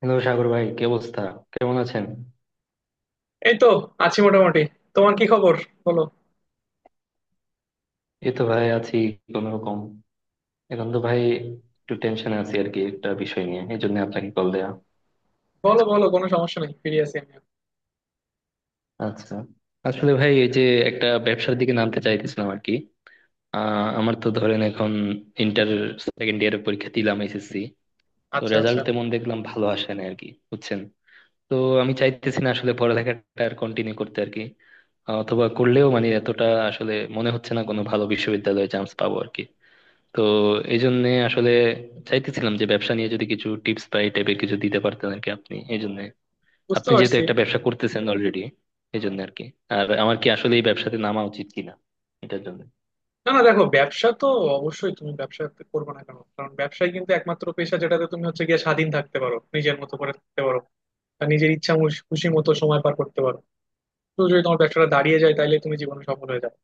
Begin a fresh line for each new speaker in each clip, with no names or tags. Hello Sagar ভাই, কি অবস্থা? কেমন আছেন?
এই তো আছি মোটামুটি। তোমার কি খবর? বলো
এই তো ভাই আছি, কোন রকম। এখন তো ভাই একটু টেনশনে আছি আর কি, একটা বিষয় নিয়ে, এই জন্য আপনাকে কল দেয়া।
বলো। বলো, কোনো সমস্যা নেই, ফিরে আছি আমি।
আচ্ছা, আসলে ভাই এই যে একটা ব্যবসার দিকে নামতে চাইতেছিলাম আর কি। আমার তো ধরেন এখন ইন্টার সেকেন্ড ইয়ারের পরীক্ষা দিলাম এসএসসি। তো
আচ্ছা আচ্ছা,
রেজাল্ট তেমন দেখলাম ভালো আসে না আর কি, বুঝছেন? তো আমি চাইতেছি না আসলে পড়ালেখাটা আর কন্টিনিউ করতে আর কি, অথবা করলেও মানে এতটা আসলে মনে হচ্ছে না কোনো ভালো বিশ্ববিদ্যালয়ে চান্স পাবো আর কি। তো এই জন্য আসলে চাইতেছিলাম যে ব্যবসা নিয়ে যদি কিছু টিপস বা এই টাইপের কিছু দিতে পারতেন আর কি আপনি, এই জন্য।
বুঝতে
আপনি যেহেতু
পারছি।
একটা ব্যবসা করতেছেন অলরেডি, এই জন্য আর কি। আর আমার কি আসলে এই ব্যবসাতে নামা উচিত কিনা, এটার জন্য।
না না দেখো, ব্যবসা তো অবশ্যই তুমি ব্যবসা করবে না কেন? কারণ ব্যবসায় কিন্তু একমাত্র পেশা যেটাতে তুমি হচ্ছে গিয়ে স্বাধীন থাকতে পারো, নিজের মতো করে থাকতে পারো। আর নিজের খুশি মতো সময় পার করতে পারো। তো যদি তোমার ব্যবসাটা দাঁড়িয়ে যায় তাহলে তুমি জীবনে সফল হয়ে যাবে।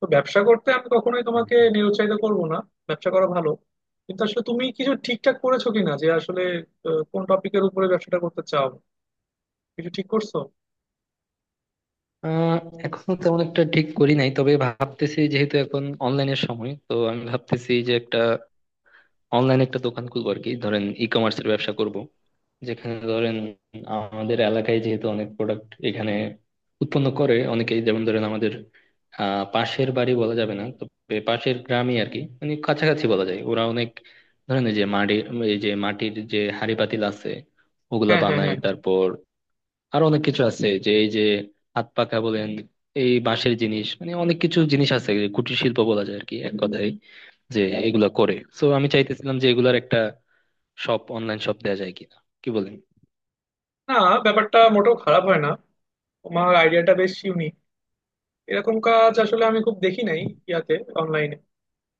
তো ব্যবসা করতে আমি কখনোই
হুম,
তোমাকে
হুম।
নিরুৎসাহিত করবো না। ব্যবসা করা ভালো, কিন্তু আসলে তুমি কিছু ঠিকঠাক করেছো কিনা যে আসলে কোন টপিকের উপরে ব্যবসাটা করতে চাও? কিছু ঠিক করছো?
আহ এখনো তেমন একটা ঠিক করি নাই, তবে ভাবতেছি যেহেতু এখন অনলাইনের সময় তো আমি ভাবতেছি যে একটা অনলাইন একটা দোকান খুলবো আর কি, ধরেন ই কমার্সের ব্যবসা করব। যেখানে ধরেন আমাদের এলাকায় যেহেতু অনেক প্রোডাক্ট এখানে উৎপন্ন করে অনেকেই, যেমন ধরেন আমাদের পাশের বাড়ি বলা যাবে না তবে পাশের গ্রামই আর কি, মানে কাছাকাছি বলা যায়, ওরা অনেক ধরেন এই যে মাটি, এই যে মাটির যে হাঁড়ি পাতিল আছে ওগুলা
হ্যাঁ হ্যাঁ
বানায়,
হ্যাঁ।
তারপর আরো অনেক কিছু আছে যে এই যে হাত পাখা বলেন, এই বাঁশের জিনিস, মানে অনেক কিছু জিনিস আছে যে কুটির শিল্প বলা যায় আর কি এক কথায়, যে এগুলা করে। তো আমি চাইতেছিলাম যে এগুলার একটা শপ, অনলাইন শপ দেওয়া যায় কিনা, কি বলেন?
না, ব্যাপারটা মোটেও খারাপ হয় না। তোমার আইডিয়াটা বেশ ইউনিক, এরকম কাজ আসলে আমি খুব দেখি নাই ইয়াতে, অনলাইনে।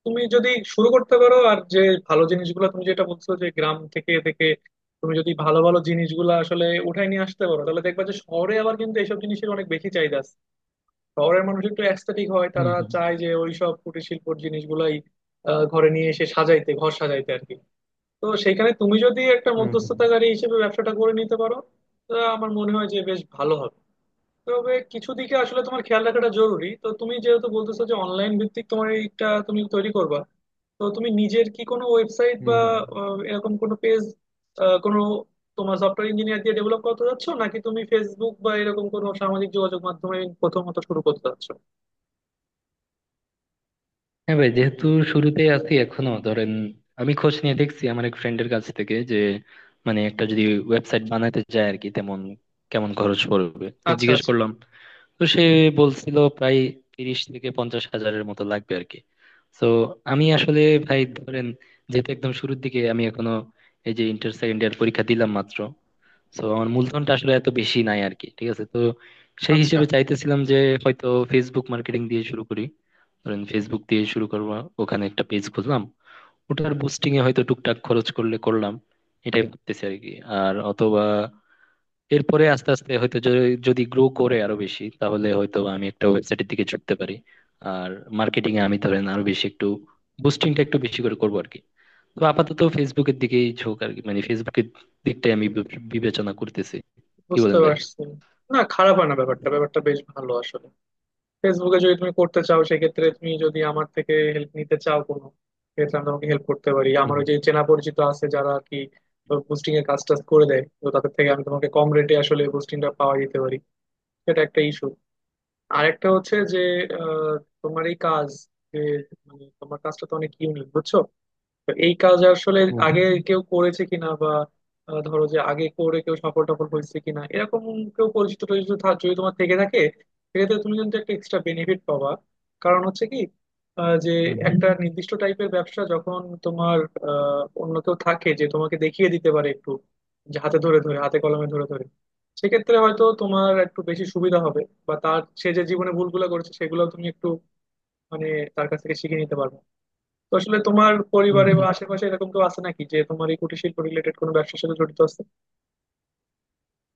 তুমি যদি শুরু করতে পারো, আর যে ভালো জিনিসগুলো তুমি যেটা বলছো যে গ্রাম থেকে থেকে তুমি যদি ভালো ভালো জিনিসগুলো আসলে উঠাই নিয়ে আসতে পারো, তাহলে দেখবা যে শহরে আবার কিন্তু এইসব জিনিসের অনেক বেশি চাহিদা আছে। শহরের মানুষ একটু অ্যাস্থেটিক হয়, তারা চায় যে ওইসব কুটির শিল্পর জিনিসগুলাই ঘরে নিয়ে এসে সাজাইতে, ঘর সাজাইতে আর কি। তো সেখানে তুমি যদি একটা
হম, হম।
মধ্যস্থতাকারী হিসেবে ব্যবসাটা করে নিতে পারো, তো আমার মনে হয় যে বেশ ভালো হবে। তবে কিছু দিকে আসলে তোমার খেয়াল রাখাটা জরুরি। তো তুমি যেহেতু বলতেছো যে অনলাইন ভিত্তিক তোমার এইটা তুমি তৈরি করবা, তো তুমি নিজের কি কোনো ওয়েবসাইট
হম,
বা
হম।
এরকম কোনো পেজ, কোনো তোমার সফটওয়্যার ইঞ্জিনিয়ার দিয়ে ডেভেলপ করতে যাচ্ছ, নাকি তুমি ফেসবুক বা এরকম কোনো সামাজিক যোগাযোগ মাধ্যমে প্রথমত শুরু করতে যাচ্ছ?
হ্যাঁ ভাই, যেহেতু শুরুতে আছি এখনো, ধরেন আমি খোঁজ নিয়ে দেখছি আমার এক ফ্রেন্ডের কাছ থেকে যে মানে একটা যদি ওয়েবসাইট বানাতে যায় আর কি তেমন কেমন খরচ পড়বে, তো
আচ্ছা
জিজ্ঞেস
আচ্ছা
করলাম। তো সে বলছিল প্রায় 30 থেকে 50 হাজারের মতো লাগবে আর কি। তো আমি আসলে ভাই ধরেন যেহেতু একদম শুরুর দিকে আমি, এখনো এই যে ইন্টার সেকেন্ড ইয়ার পরীক্ষা দিলাম মাত্র, তো আমার মূলধনটা আসলে এত বেশি নাই আর কি, ঠিক আছে? তো সেই
আচ্ছা,
হিসেবে চাইতেছিলাম যে হয়তো ফেসবুক মার্কেটিং দিয়ে শুরু করি। ধরেন ফেসবুক দিয়ে শুরু করবো, ওখানে একটা পেজ খুললাম, ওটার বুস্টিং এ হয়তো টুকটাক খরচ করলে করলাম, এটাই ভাবতেছি আর কি। আর অথবা এরপরে আস্তে আস্তে হয়তো যদি গ্রো করে আরো বেশি, তাহলে হয়তো আমি একটা ওয়েবসাইটের দিকে ঝুঁকতে পারি। আর মার্কেটিং এ আমি ধরেন আরো বেশি একটু বুস্টিংটা একটু বেশি করে করবো আর কি। তো আপাতত ফেসবুকের দিকেই ঝোঁক আর কি, মানে ফেসবুকের দিকটাই আমি বিবেচনা করতেছি। কি
বুঝতে
বলেন ভাই?
পারছি। না, খারাপ হয় না ব্যাপারটা, ব্যাপারটা বেশ ভালো আসলে। ফেসবুকে যদি তুমি করতে চাও, সেক্ষেত্রে তুমি যদি আমার থেকে হেল্প নিতে চাও কোনো, সেক্ষেত্রে আমি তোমাকে হেল্প করতে পারি। আমার
হুম,
ওই যে চেনা পরিচিত আছে যারা আর কি বুস্টিং এর কাজ টাজ করে দেয়, তো তাদের থেকে আমি তোমাকে কম রেটে আসলে বুস্টিংটা পাওয়া যেতে পারি। সেটা একটা ইস্যু। আর একটা হচ্ছে যে আহ, তোমার এই কাজ, যে মানে তোমার কাজটা তো অনেক ইউনিক বুঝছো, তো এই কাজ আসলে
হুম।
আগে
হম,
কেউ করেছে কিনা, বা ধরো যে আগে করে কেউ সফল টফল হয়েছে কিনা, এরকম কেউ পরিচিত টরিচিত যদি তোমার থেকে থাকে, সেক্ষেত্রে তুমি কিন্তু একটা এক্সট্রা বেনিফিট পাবা। কারণ হচ্ছে কি, যে
হম। হম, হম।
একটা নির্দিষ্ট টাইপের ব্যবসা যখন তোমার অন্য কেউ থাকে যে তোমাকে দেখিয়ে দিতে পারে একটু, যে হাতে ধরে ধরে, হাতে কলমে ধরে ধরে, সেক্ষেত্রে হয়তো তোমার একটু বেশি সুবিধা হবে। বা তার, সে যে জীবনে ভুলগুলো করেছে সেগুলো তুমি একটু মানে তার কাছ থেকে শিখে নিতে পারবে। তো আসলে তোমার
হুম,
পরিবারে বা
হুম।
আশেপাশে এরকম কেউ আছে নাকি যে তোমার এই কুটির শিল্প রিলেটেড কোনো ব্যবসার সাথে জড়িত আছে?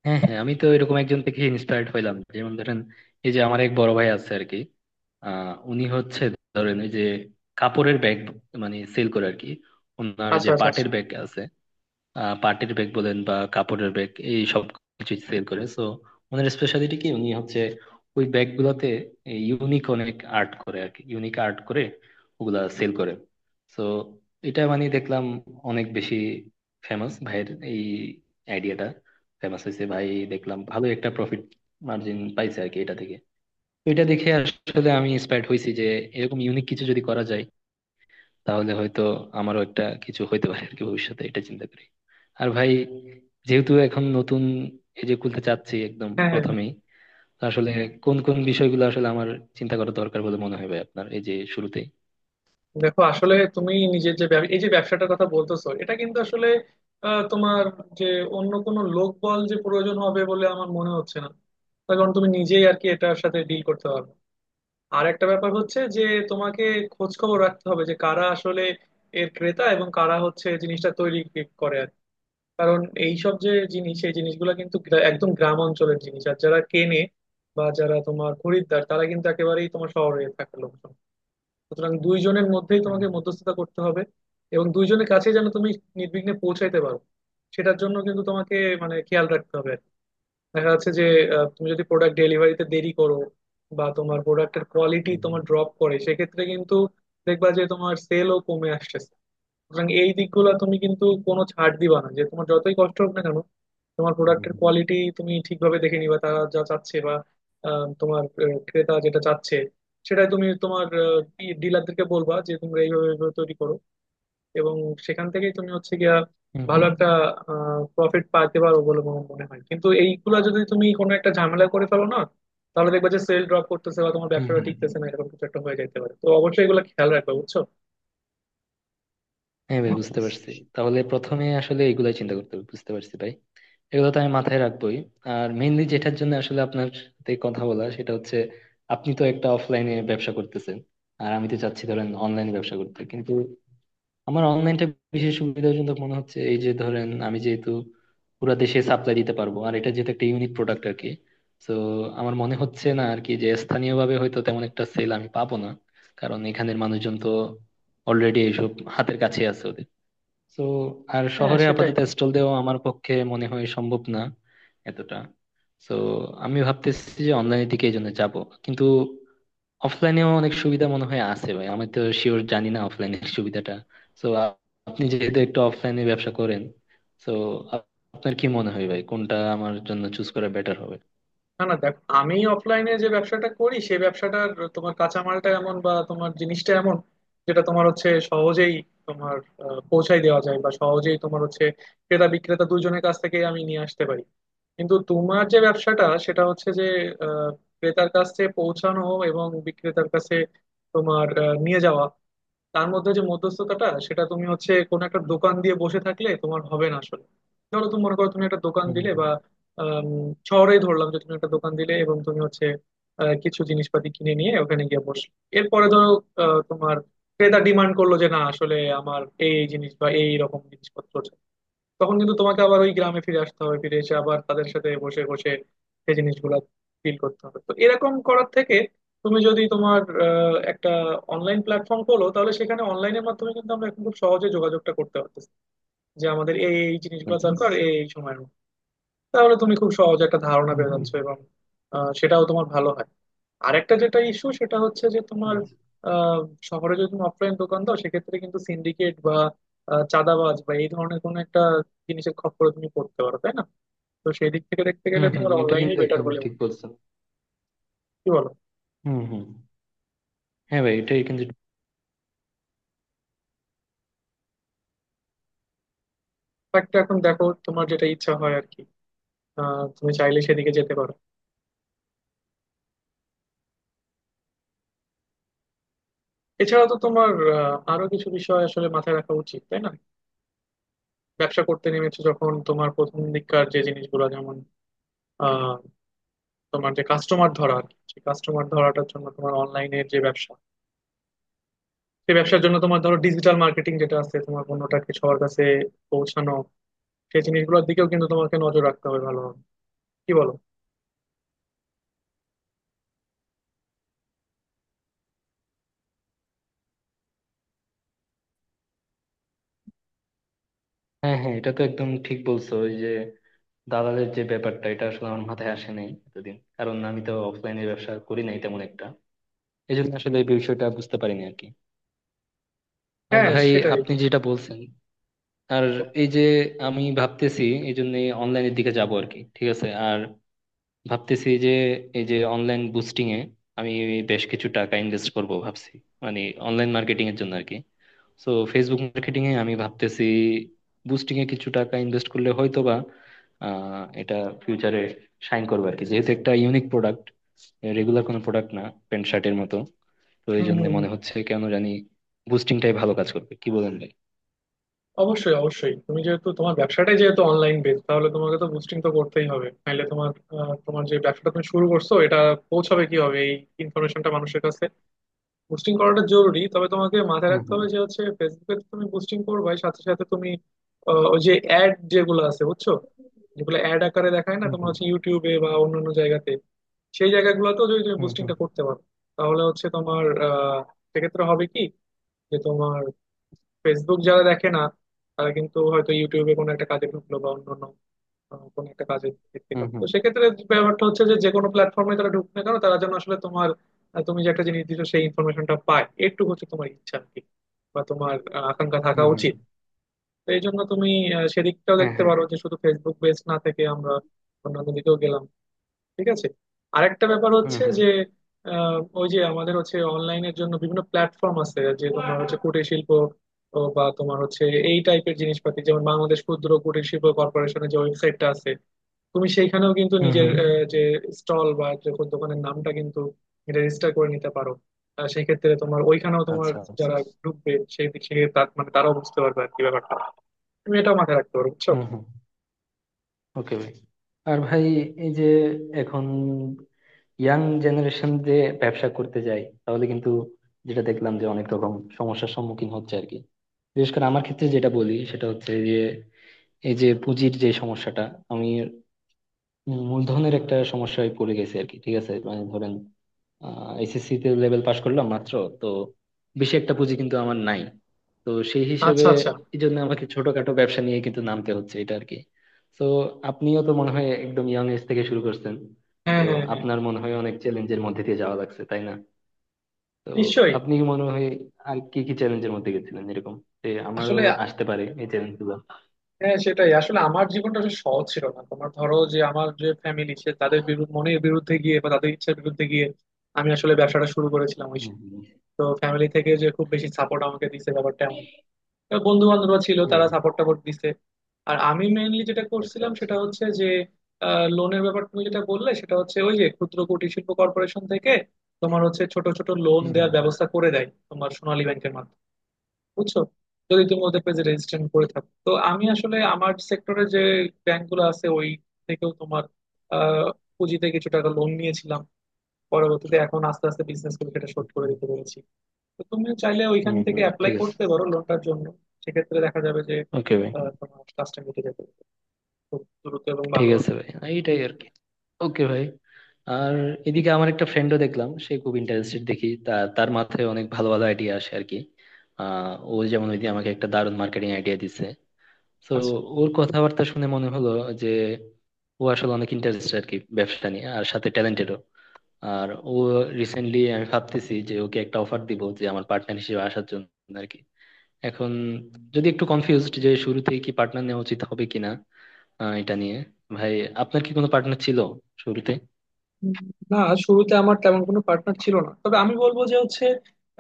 হ্যাঁ হ্যাঁ, আমি তো এরকম একজন থেকে ইন্সপায়ার্ড হইলাম, যেমন ধরেন এই যে আমার এক বড় ভাই আছে আর কি। উনি হচ্ছে ধরেন ওই যে কাপড়ের ব্যাগ মানে সেল করে আর কি, ওনার
আচ্ছা
যে
আচ্ছা
পাটের
আচ্ছা।
ব্যাগ আছে। পার্টির ব্যাগ বলেন বা কাপড়ের ব্যাগ, এই সব কিছু সেল করে। সো ওনার স্পেশালিটি কি, উনি হচ্ছে ওই ব্যাগ গুলাতে ইউনিক অনেক আর্ট করে আর কি, ইউনিক আর্ট করে ওগুলা সেল করে। সো এটা মানে দেখলাম অনেক বেশি ফেমাস, ভাইয়ের এই আইডিয়াটা ফেমাস হয়েছে ভাই। দেখলাম ভালো একটা প্রফিট মার্জিন পাইছে আর কি এটা থেকে। তো এটা দেখে আসলে আমি ইন্সপায়ার্ড হয়েছি যে এরকম ইউনিক কিছু যদি করা যায়, তাহলে হয়তো আমারও একটা কিছু হইতে পারে আর কি ভবিষ্যতে, এটা চিন্তা করি। আর ভাই যেহেতু এখন নতুন, এই যে খুলতে চাচ্ছি একদম
হ্যাঁ হ্যাঁ হ্যাঁ।
প্রথমেই, তো আসলে কোন কোন বিষয়গুলো আসলে আমার চিন্তা করা দরকার বলে মনে হয় ভাই আপনার, এই যে শুরুতেই।
দেখো আসলে তুমি নিজের যে এই যে ব্যবসাটার কথা বলতেছো, এটা কিন্তু আসলে তোমার যে অন্য কোনো লোকবল যে প্রয়োজন হবে বলে আমার মনে হচ্ছে না। তার কারণ তুমি নিজেই আর কি এটার সাথে ডিল করতে পারবে। আর একটা ব্যাপার হচ্ছে যে তোমাকে খোঁজ খবর রাখতে হবে যে কারা আসলে এর ক্রেতা এবং কারা হচ্ছে জিনিসটা তৈরি করে আর কি। কারণ এইসব যে জিনিস, এই জিনিসগুলো কিন্তু একদম গ্রাম অঞ্চলের জিনিস, আর যারা কেনে বা যারা তোমার খরিদ্দার, তারা কিন্তু একেবারেই তোমার শহরে থাকে লোকজন। সুতরাং দুইজনের মধ্যেই
হুম,
তোমাকে মধ্যস্থতা করতে হবে এবং দুইজনের কাছে যেন তুমি নির্বিঘ্নে পৌঁছাইতে পারো, সেটার জন্য কিন্তু তোমাকে মানে খেয়াল রাখতে হবে আর কি। দেখা যাচ্ছে যে তুমি যদি প্রোডাক্ট ডেলিভারিতে দেরি করো বা তোমার প্রোডাক্টের কোয়ালিটি
হুম,
তোমার ড্রপ করে, সেক্ষেত্রে কিন্তু দেখবা যে তোমার সেলও কমে আসছে। সুতরাং এই দিকগুলো তুমি কিন্তু কোনো ছাড় দিবা না, যে তোমার যতই কষ্ট হোক না কেন, তোমার
হুম। হুম,
প্রোডাক্টের
হুম,
কোয়ালিটি তুমি ঠিকভাবে দেখে নিবা। তারা যা চাচ্ছে বা ক্রেতা যেটা চাচ্ছে সেটাই তুমি তোমার ডিলারদেরকে বলবা যে তোমরা এইভাবে এইভাবে তৈরি করো, এবং সেখান থেকেই তুমি হচ্ছে গিয়া
হুম।
ভালো
হুম,
একটা প্রফিট পাইতে পারো বলে আমার মনে হয়। কিন্তু এইগুলা যদি তুমি কোনো একটা ঝামেলা করে ফেলো না, তাহলে দেখবা যে সেল ড্রপ করতেছে বা তোমার
হুম,
ব্যবসাটা
হুম।
টিকতেছে না, এরকম কিছু একটা হয়ে যাইতে পারে। তো অবশ্যই এগুলো খেয়াল রাখবা, বুঝছো।
হ্যাঁ ভাই, বুঝতে পারছি। তাহলে প্রথমে আসলে এগুলাই চিন্তা করতে হবে, বুঝতে পারছি ভাই। এগুলো তো আমি মাথায় রাখবোই। আর মেইনলি যেটার জন্য আসলে আপনার সাথে কথা বলা সেটা হচ্ছে, আপনি তো একটা অফলাইনে ব্যবসা করতেছেন, আর আমি তো চাচ্ছি ধরেন অনলাইনে ব্যবসা করতে। কিন্তু আমার অনলাইনটা বিশেষ সুবিধাজনক মনে হচ্ছে, এই যে ধরেন আমি যেহেতু পুরো দেশে সাপ্লাই দিতে পারবো, আর এটা যেহেতু একটা ইউনিক প্রোডাক্ট আর কি। তো আমার মনে হচ্ছে না আর কি যে স্থানীয়ভাবে হয়তো তেমন একটা সেল আমি পাবো না, কারণ এখানের মানুষজন তো অলরেডি এইসব হাতের কাছে আছে ওদের। তো আর
হ্যাঁ
শহরে
সেটাই।
আপাতত স্টল দেওয়া আমার পক্ষে মনে হয় সম্ভব না এতটা। তো আমি ভাবতেছি যে অনলাইনের দিকে এই জন্য যাবো, কিন্তু অফলাইনেও অনেক সুবিধা মনে হয় আছে ভাই, আমি তো শিওর জানি না অফলাইনের সুবিধাটা। তো আপনি যেহেতু একটু অফলাইনে ব্যবসা করেন, তো আপনার কি মনে হয় ভাই, কোনটা আমার জন্য চুজ করা বেটার হবে?
না না দেখ, আমি অফলাইনে যে ব্যবসাটা করি সেই ব্যবসাটার তোমার কাঁচামালটা এমন, বা তোমার জিনিসটা এমন যেটা তোমার হচ্ছে সহজেই তোমার পৌঁছাই দেওয়া যায়, বা সহজেই তোমার হচ্ছে ক্রেতা বিক্রেতা দুজনের কাছ থেকে আমি নিয়ে আসতে পারি। কিন্তু তোমার যে ব্যবসাটা সেটা হচ্ছে যে আহ, ক্রেতার কাছে পৌঁছানো এবং বিক্রেতার কাছে তোমার নিয়ে যাওয়া, তার মধ্যে যে মধ্যস্থতাটা, সেটা তুমি হচ্ছে কোনো একটা দোকান দিয়ে বসে থাকলে তোমার হবে না আসলে। ধরো তুমি মনে করো তুমি একটা দোকান
হুম।
দিলে বা আম, শহরেই ধরলাম যে তুমি একটা দোকান দিলে এবং তুমি হচ্ছে কিছু জিনিসপাতি কিনে নিয়ে ওখানে গিয়ে বসলে, এরপরে ধরো তোমার ক্রেতা ডিমান্ড করলো যে না আসলে আমার এই এই জিনিস বা এই রকম জিনিসপত্র, তখন কিন্তু তোমাকে আবার ওই গ্রামে ফিরে আসতে হবে, ফিরে এসে আবার তাদের সাথে বসে বসে সেই জিনিসগুলো ফিল করতে হবে। তো এরকম করার থেকে তুমি যদি তোমার একটা অনলাইন প্ল্যাটফর্ম খোলো, তাহলে সেখানে অনলাইনের মাধ্যমে কিন্তু আমরা এখন খুব সহজে যোগাযোগটা করতে পারতেছি যে আমাদের এই এই জিনিসগুলো
আচ্ছা।
দরকার এই এই সময়ের মধ্যে। তাহলে তুমি খুব সহজে একটা ধারণা
হুম,
পেয়ে
হুম।
যাচ্ছ, এবং সেটাও তোমার ভালো হয়। আরেকটা যেটা ইস্যু, সেটা হচ্ছে যে তোমার
আচ্ছা।
আহ, শহরে যদি তুমি অফলাইন দোকান দাও, সেক্ষেত্রে কিন্তু সিন্ডিকেট বা চাঁদাবাজ বা এই ধরনের কোনো একটা জিনিসের খপ্পরে তুমি পড়তে পারো, তাই না। তো সেই দিক থেকে দেখতে গেলে
হুম, হুম,
তোমার
এটা
অনলাইনে
কিন্তু
বেটার
একদম
বলে মনে
ঠিক
হয়।
বলছো।
কি বলো।
হুম, হুম। হ্যাঁ ভাই, এটাই কিন্তু।
একটা এখন দেখো তোমার যেটা ইচ্ছা হয় আর কি, তুমি চাইলে সেদিকে যেতে পারো। এছাড়া তো তোমার আরো কিছু বিষয় আসলে মাথায় রাখা উচিত, তাই না। ব্যবসা করতে নেমেছো যখন, তোমার প্রথম দিককার যে জিনিসগুলো যেমন আহ, তোমার যে কাস্টমার ধরা আর কি, সেই কাস্টমার ধরাটার জন্য তোমার অনলাইনের যে ব্যবসা, সেই ব্যবসার জন্য তোমার ধরো ডিজিটাল মার্কেটিং যেটা আছে, তোমার পণ্যটাকে সবার কাছে পৌঁছানো, সেই জিনিসগুলোর দিকেও কিন্তু তোমাকে নজর রাখতে হবে ভালোভাবে। কি বলো।
হ্যাঁ হ্যাঁ, এটা তো একদম ঠিক বলছো। ওই যে দালালের যে ব্যাপারটা, এটা আসলে আমার মাথায় আসে নাই এতদিন, কারণ আমি তো অফলাইনে ব্যবসা করি নাই তেমন একটা, এই জন্য আসলে এই বিষয়টা বুঝতে পারিনি আর কি। আর
হ্যাঁ
ভাই
সেটাই।
আপনি যেটা বলছেন, আর এই যে আমি ভাবতেছি এই জন্য অনলাইনের দিকে যাব আর কি, ঠিক আছে। আর ভাবতেছি যে এই যে অনলাইন বুস্টিং এ আমি বেশ কিছু টাকা ইনভেস্ট করব ভাবছি, মানে অনলাইন মার্কেটিং এর জন্য আর কি। সো ফেসবুক মার্কেটিং এ আমি ভাবতেছি বুস্টিং এ কিছু টাকা ইনভেস্ট করলে হয়তো বা এটা ফিউচারে শাইন করবে আর কি, যেহেতু একটা ইউনিক প্রোডাক্ট, রেগুলার কোনো প্রোডাক্ট না প্যান্ট শার্টের মতো। তো এই
হুম
জন্য
হুম
মনে
হুম।
হচ্ছে কেন জানি বুস্টিংটাই ভালো কাজ করবে, কি বলেন ভাই?
অবশ্যই অবশ্যই, তুমি যেহেতু তোমার ব্যবসাটাই যেহেতু অনলাইন বেস, তাহলে তোমাকে তো বুস্টিং তো করতেই হবে, নাহলে তোমার তোমার যে ব্যবসাটা তুমি শুরু করছো এটা পৌঁছাবে কিভাবে, এই ইনফরমেশনটা মানুষের কাছে। বুস্টিং করাটা জরুরি, তবে তোমাকে মাথায়
হুম,
রাখতে
হুম,
হবে যে হচ্ছে ফেসবুকে তো তুমি বুস্টিং করবাই, সাথে সাথে তুমি ওই যে অ্যাড যেগুলো আছে বুঝছো, যেগুলো অ্যাড আকারে দেখায় না তোমার হচ্ছে, ইউটিউবে বা অন্যান্য জায়গাতে, সেই জায়গাগুলোতেও যদি তুমি
হুম, হুম।
বুস্টিংটা করতে পারো, তাহলে হচ্ছে তোমার সেক্ষেত্রে হবে কি যে তোমার ফেসবুক যারা দেখে না, তারা কিন্তু হয়তো ইউটিউবে কোনো একটা কাজে ঢুকলো বা অন্যান্য কোনো একটা কাজে ভিত্তি করে, তো
হুম,
সেক্ষেত্রে যে ব্যাপারটা হচ্ছে, যে যে কোনো প্ল্যাটফর্মে তারা ঢুকবে না কেন, তারা যেন আসলে তোমার তুমি যে একটা জিনিস দিচ্ছ সেই ইনফরমেশনটা পায়, একটু হচ্ছে তোমার ইচ্ছা আর কি, বা তোমার আকাঙ্ক্ষা
হুম,
থাকা
হুম,
উচিত। তো এই জন্য তুমি সেদিকটাও
হুম, হুম, হুম।
দেখতে
হ্যাঁ হ্যাঁ।
পারো, যে শুধু ফেসবুক বেস না থেকে আমরা অন্যান্য দিকেও গেলাম। ঠিক আছে। আরেকটা ব্যাপার
হুম,
হচ্ছে
হুম,
যে ওই যে আমাদের হচ্ছে অনলাইনের জন্য বিভিন্ন প্ল্যাটফর্ম আছে যে তোমার হচ্ছে কুটির শিল্প ও, বা তোমার হচ্ছে এই টাইপের জিনিসপাতি, যেমন বাংলাদেশ ক্ষুদ্র কুটির শিল্প কর্পোরেশনের যে ওয়েবসাইটটা আছে, তুমি সেইখানেও কিন্তু
হুম,
নিজের
হুম।
যে স্টল বা যে দোকানের নামটা কিন্তু রেজিস্টার করে নিতে পারো। সেই ক্ষেত্রে তোমার ওইখানেও তোমার
আচ্ছা, আচ্ছা।
যারা ঢুকবে, সেই দিক থেকে তার মানে তারাও বুঝতে পারবে আর কি ব্যাপারটা। তুমি এটাও মাথায় রাখতে পারো, বুঝছো।
হুম, হুম। ওকে ভাই। আর ভাই এই যে এখন ইয়াং জেনারেশন যে ব্যবসা করতে যায়, তাহলে কিন্তু যেটা দেখলাম যে অনেক রকম সমস্যার সম্মুখীন হচ্ছে আর কি। বিশেষ করে আমার ক্ষেত্রে যেটা বলি সেটা হচ্ছে যে এই যে পুঁজির যে সমস্যাটা, আমি মূলধনের একটা সমস্যায় পড়ে গেছে আর কি, ঠিক আছে? মানে ধরেন এসএসসি তে লেভেল পাস করলাম মাত্র, তো বেশি একটা পুঁজি কিন্তু আমার নাই। তো সেই হিসেবে
আচ্ছা আচ্ছা।
এই জন্য আমাকে ছোটখাটো ব্যবসা নিয়ে কিন্তু নামতে হচ্ছে এটা আর কি। তো আপনিও তো মনে হয় একদম ইয়াং এজ থেকে শুরু করছেন,
হ্যাঁ
তো
হ্যাঁ হ্যাঁ,
আপনার মনে হয় অনেক চ্যালেঞ্জের মধ্যে দিয়ে যাওয়া লাগছে তাই না? তো
নিশ্চয়ই।
আপনি মনে হয় আর কি কি চ্যালেঞ্জের মধ্যে গেছিলেন এরকম, যে আমারও
আসলে
আসতে পারে এই চ্যালেঞ্জ গুলো?
হ্যাঁ সেটাই, আসলে আমার জীবনটা আসলে সহজ ছিল না। তোমার ধরো যে আমার যে ফ্যামিলি, সে তাদের বিরুদ্ধে, মনের বিরুদ্ধে গিয়ে বা তাদের ইচ্ছার বিরুদ্ধে গিয়ে আমি আসলে ব্যবসাটা শুরু করেছিলাম ওই
হম,
সময়।
হম,
তো ফ্যামিলি থেকে যে খুব বেশি সাপোর্ট আমাকে দিয়েছে ব্যাপারটা, বন্ধু বান্ধবরা ছিল,
হম।
তারা সাপোর্ট টাপোর্ট দিছে। আর আমি মেইনলি যেটা
আচ্ছা,
করছিলাম
আচ্ছা।
সেটা হচ্ছে যে, লোনের ব্যাপার তুমি যেটা বললে, সেটা হচ্ছে ওই যে ক্ষুদ্র কুটির শিল্প কর্পোরেশন থেকে তোমার হচ্ছে ছোট ছোট লোন
হম,
দেওয়ার ব্যবস্থা করে দেয় তোমার সোনালী ব্যাংকের মাধ্যমে, বুঝছো। যদি তুমি ওদের পেজে রেজিস্ট্রেশন করে থাকো, তো আমি আসলে আমার সেক্টরে যে ব্যাংকগুলো আছে ওই থেকেও তোমার আহ পুঁজিতে কিছু টাকা লোন নিয়েছিলাম, পরবর্তীতে এখন আস্তে আস্তে বিজনেস করে সেটা শোধ করে
হম।
দিতে পেরেছি। তো তুমি চাইলে ওইখান
হুম,
থেকে
হুম,
অ্যাপ্লাই
ঠিক আছে।
করতে পারো লোনটার জন্য। সেক্ষেত্রে দেখা যাবে যে
ওকে ভাই।
তোমার কাজটা মিটে যাবে খুব দ্রুত এবং
ঠিক
ভালো হবে।
আছে ভাই, হ্যাঁ, এইটাই আর কি। ওকে ভাই। আর এদিকে আমার একটা ফ্রেন্ডও দেখলাম সে খুব ইন্টারেস্টেড, দেখি তার মাথায় অনেক ভালো ভালো আইডিয়া আসে আর কি। ও যেমন ওইদিন আমাকে একটা দারুণ মার্কেটিং আইডিয়া দিছে। তো
আচ্ছা।
ওর কথাবার্তা শুনে মনে হলো যে ও আসলে অনেক ইন্টারেস্টেড আর কি ব্যবসা নিয়ে, আর সাথে ট্যালেন্টেডও। আর ও রিসেন্টলি, আমি ভাবতেছি যে ওকে একটা অফার দিব যে আমার পার্টনার হিসেবে আসার জন্য আর কি। এখন যদি একটু কনফিউজড যে শুরুতেই কি পার্টনার নেওয়া উচিত হবে কিনা, আহ, এটা নিয়ে। ভাই আপনার কি কোনো পার্টনার ছিল শুরুতে?
উম, না, শুরুতে আমার তেমন কোনো পার্টনার ছিল না, তবে আমি বলবো যে হচ্ছে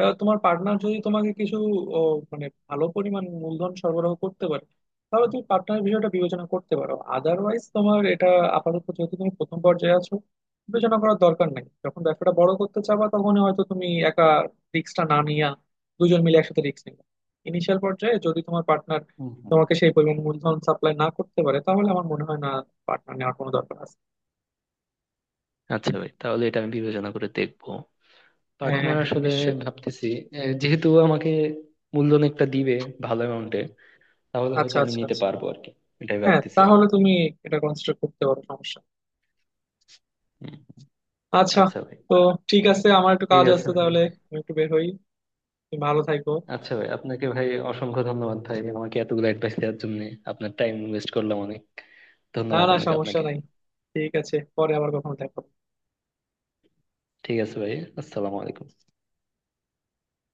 তোমার পার্টনার যদি তোমাকে কিছু ও, মানে ভালো পরিমাণ মূলধন সরবরাহ করতে পারে, তাহলে তুমি পার্টনার বিষয়টা বিবেচনা করতে পারো। আদারওয়াইজ তোমার এটা আপাতত যেহেতু তুমি প্রথম পর্যায়ে আছো, বিবেচনা করার দরকার নাই। যখন ব্যবসাটা বড় করতে চাবা, তখন হয়তো তুমি একা রিস্কটা না নিয়ে দুজন মিলে একসাথে রিস্ক নিবে। ইনিশিয়াল পর্যায়ে যদি তোমার পার্টনার
হুম, হুম।
তোমাকে সেই পরিমাণ মূলধন সাপ্লাই না করতে পারে, তাহলে আমার মনে হয় না পার্টনার নেওয়ার কোনো দরকার আছে।
আচ্ছা ভাই, তাহলে এটা আমি বিবেচনা করে দেখবো
হ্যাঁ হ্যাঁ
পার্টনার
হ্যাঁ,
আসলে।
নিশ্চয়ই।
ভাবতেছি, আহ, যেহেতু আমাকে মূলধন একটা দিবে ভালো অ্যামাউন্টে, তাহলে
আচ্ছা
হয়তো আমি
আচ্ছা
নিতে
আচ্ছা।
পারবো আর কি। এটাই
হ্যাঁ
ভাবতেছি আমি।
তাহলে তুমি এটা কনসিডার করতে পারো, সমস্যা না।
হুম।
আচ্ছা।
আচ্ছা ভাই।
তো ঠিক আছে, আমার একটু
ঠিক
কাজ
আছে
আছে
ভাই।
তাহলে, আমি একটু বের হই, তুমি ভালো থাকো।
আচ্ছা ভাই, আপনাকে ভাই অসংখ্য ধন্যবাদ ভাই আমাকে এতগুলো অ্যাডভাইস দেওয়ার জন্য। আপনার টাইম ওয়েস্ট করলাম অনেক,
না
ধন্যবাদ
না,
অনেক
সমস্যা
আপনাকে।
নাই। ঠিক আছে, পরে আবার কখনো দেখা হবে।
ঠিক আছে ভাই। আসসালামু আলাইকুম।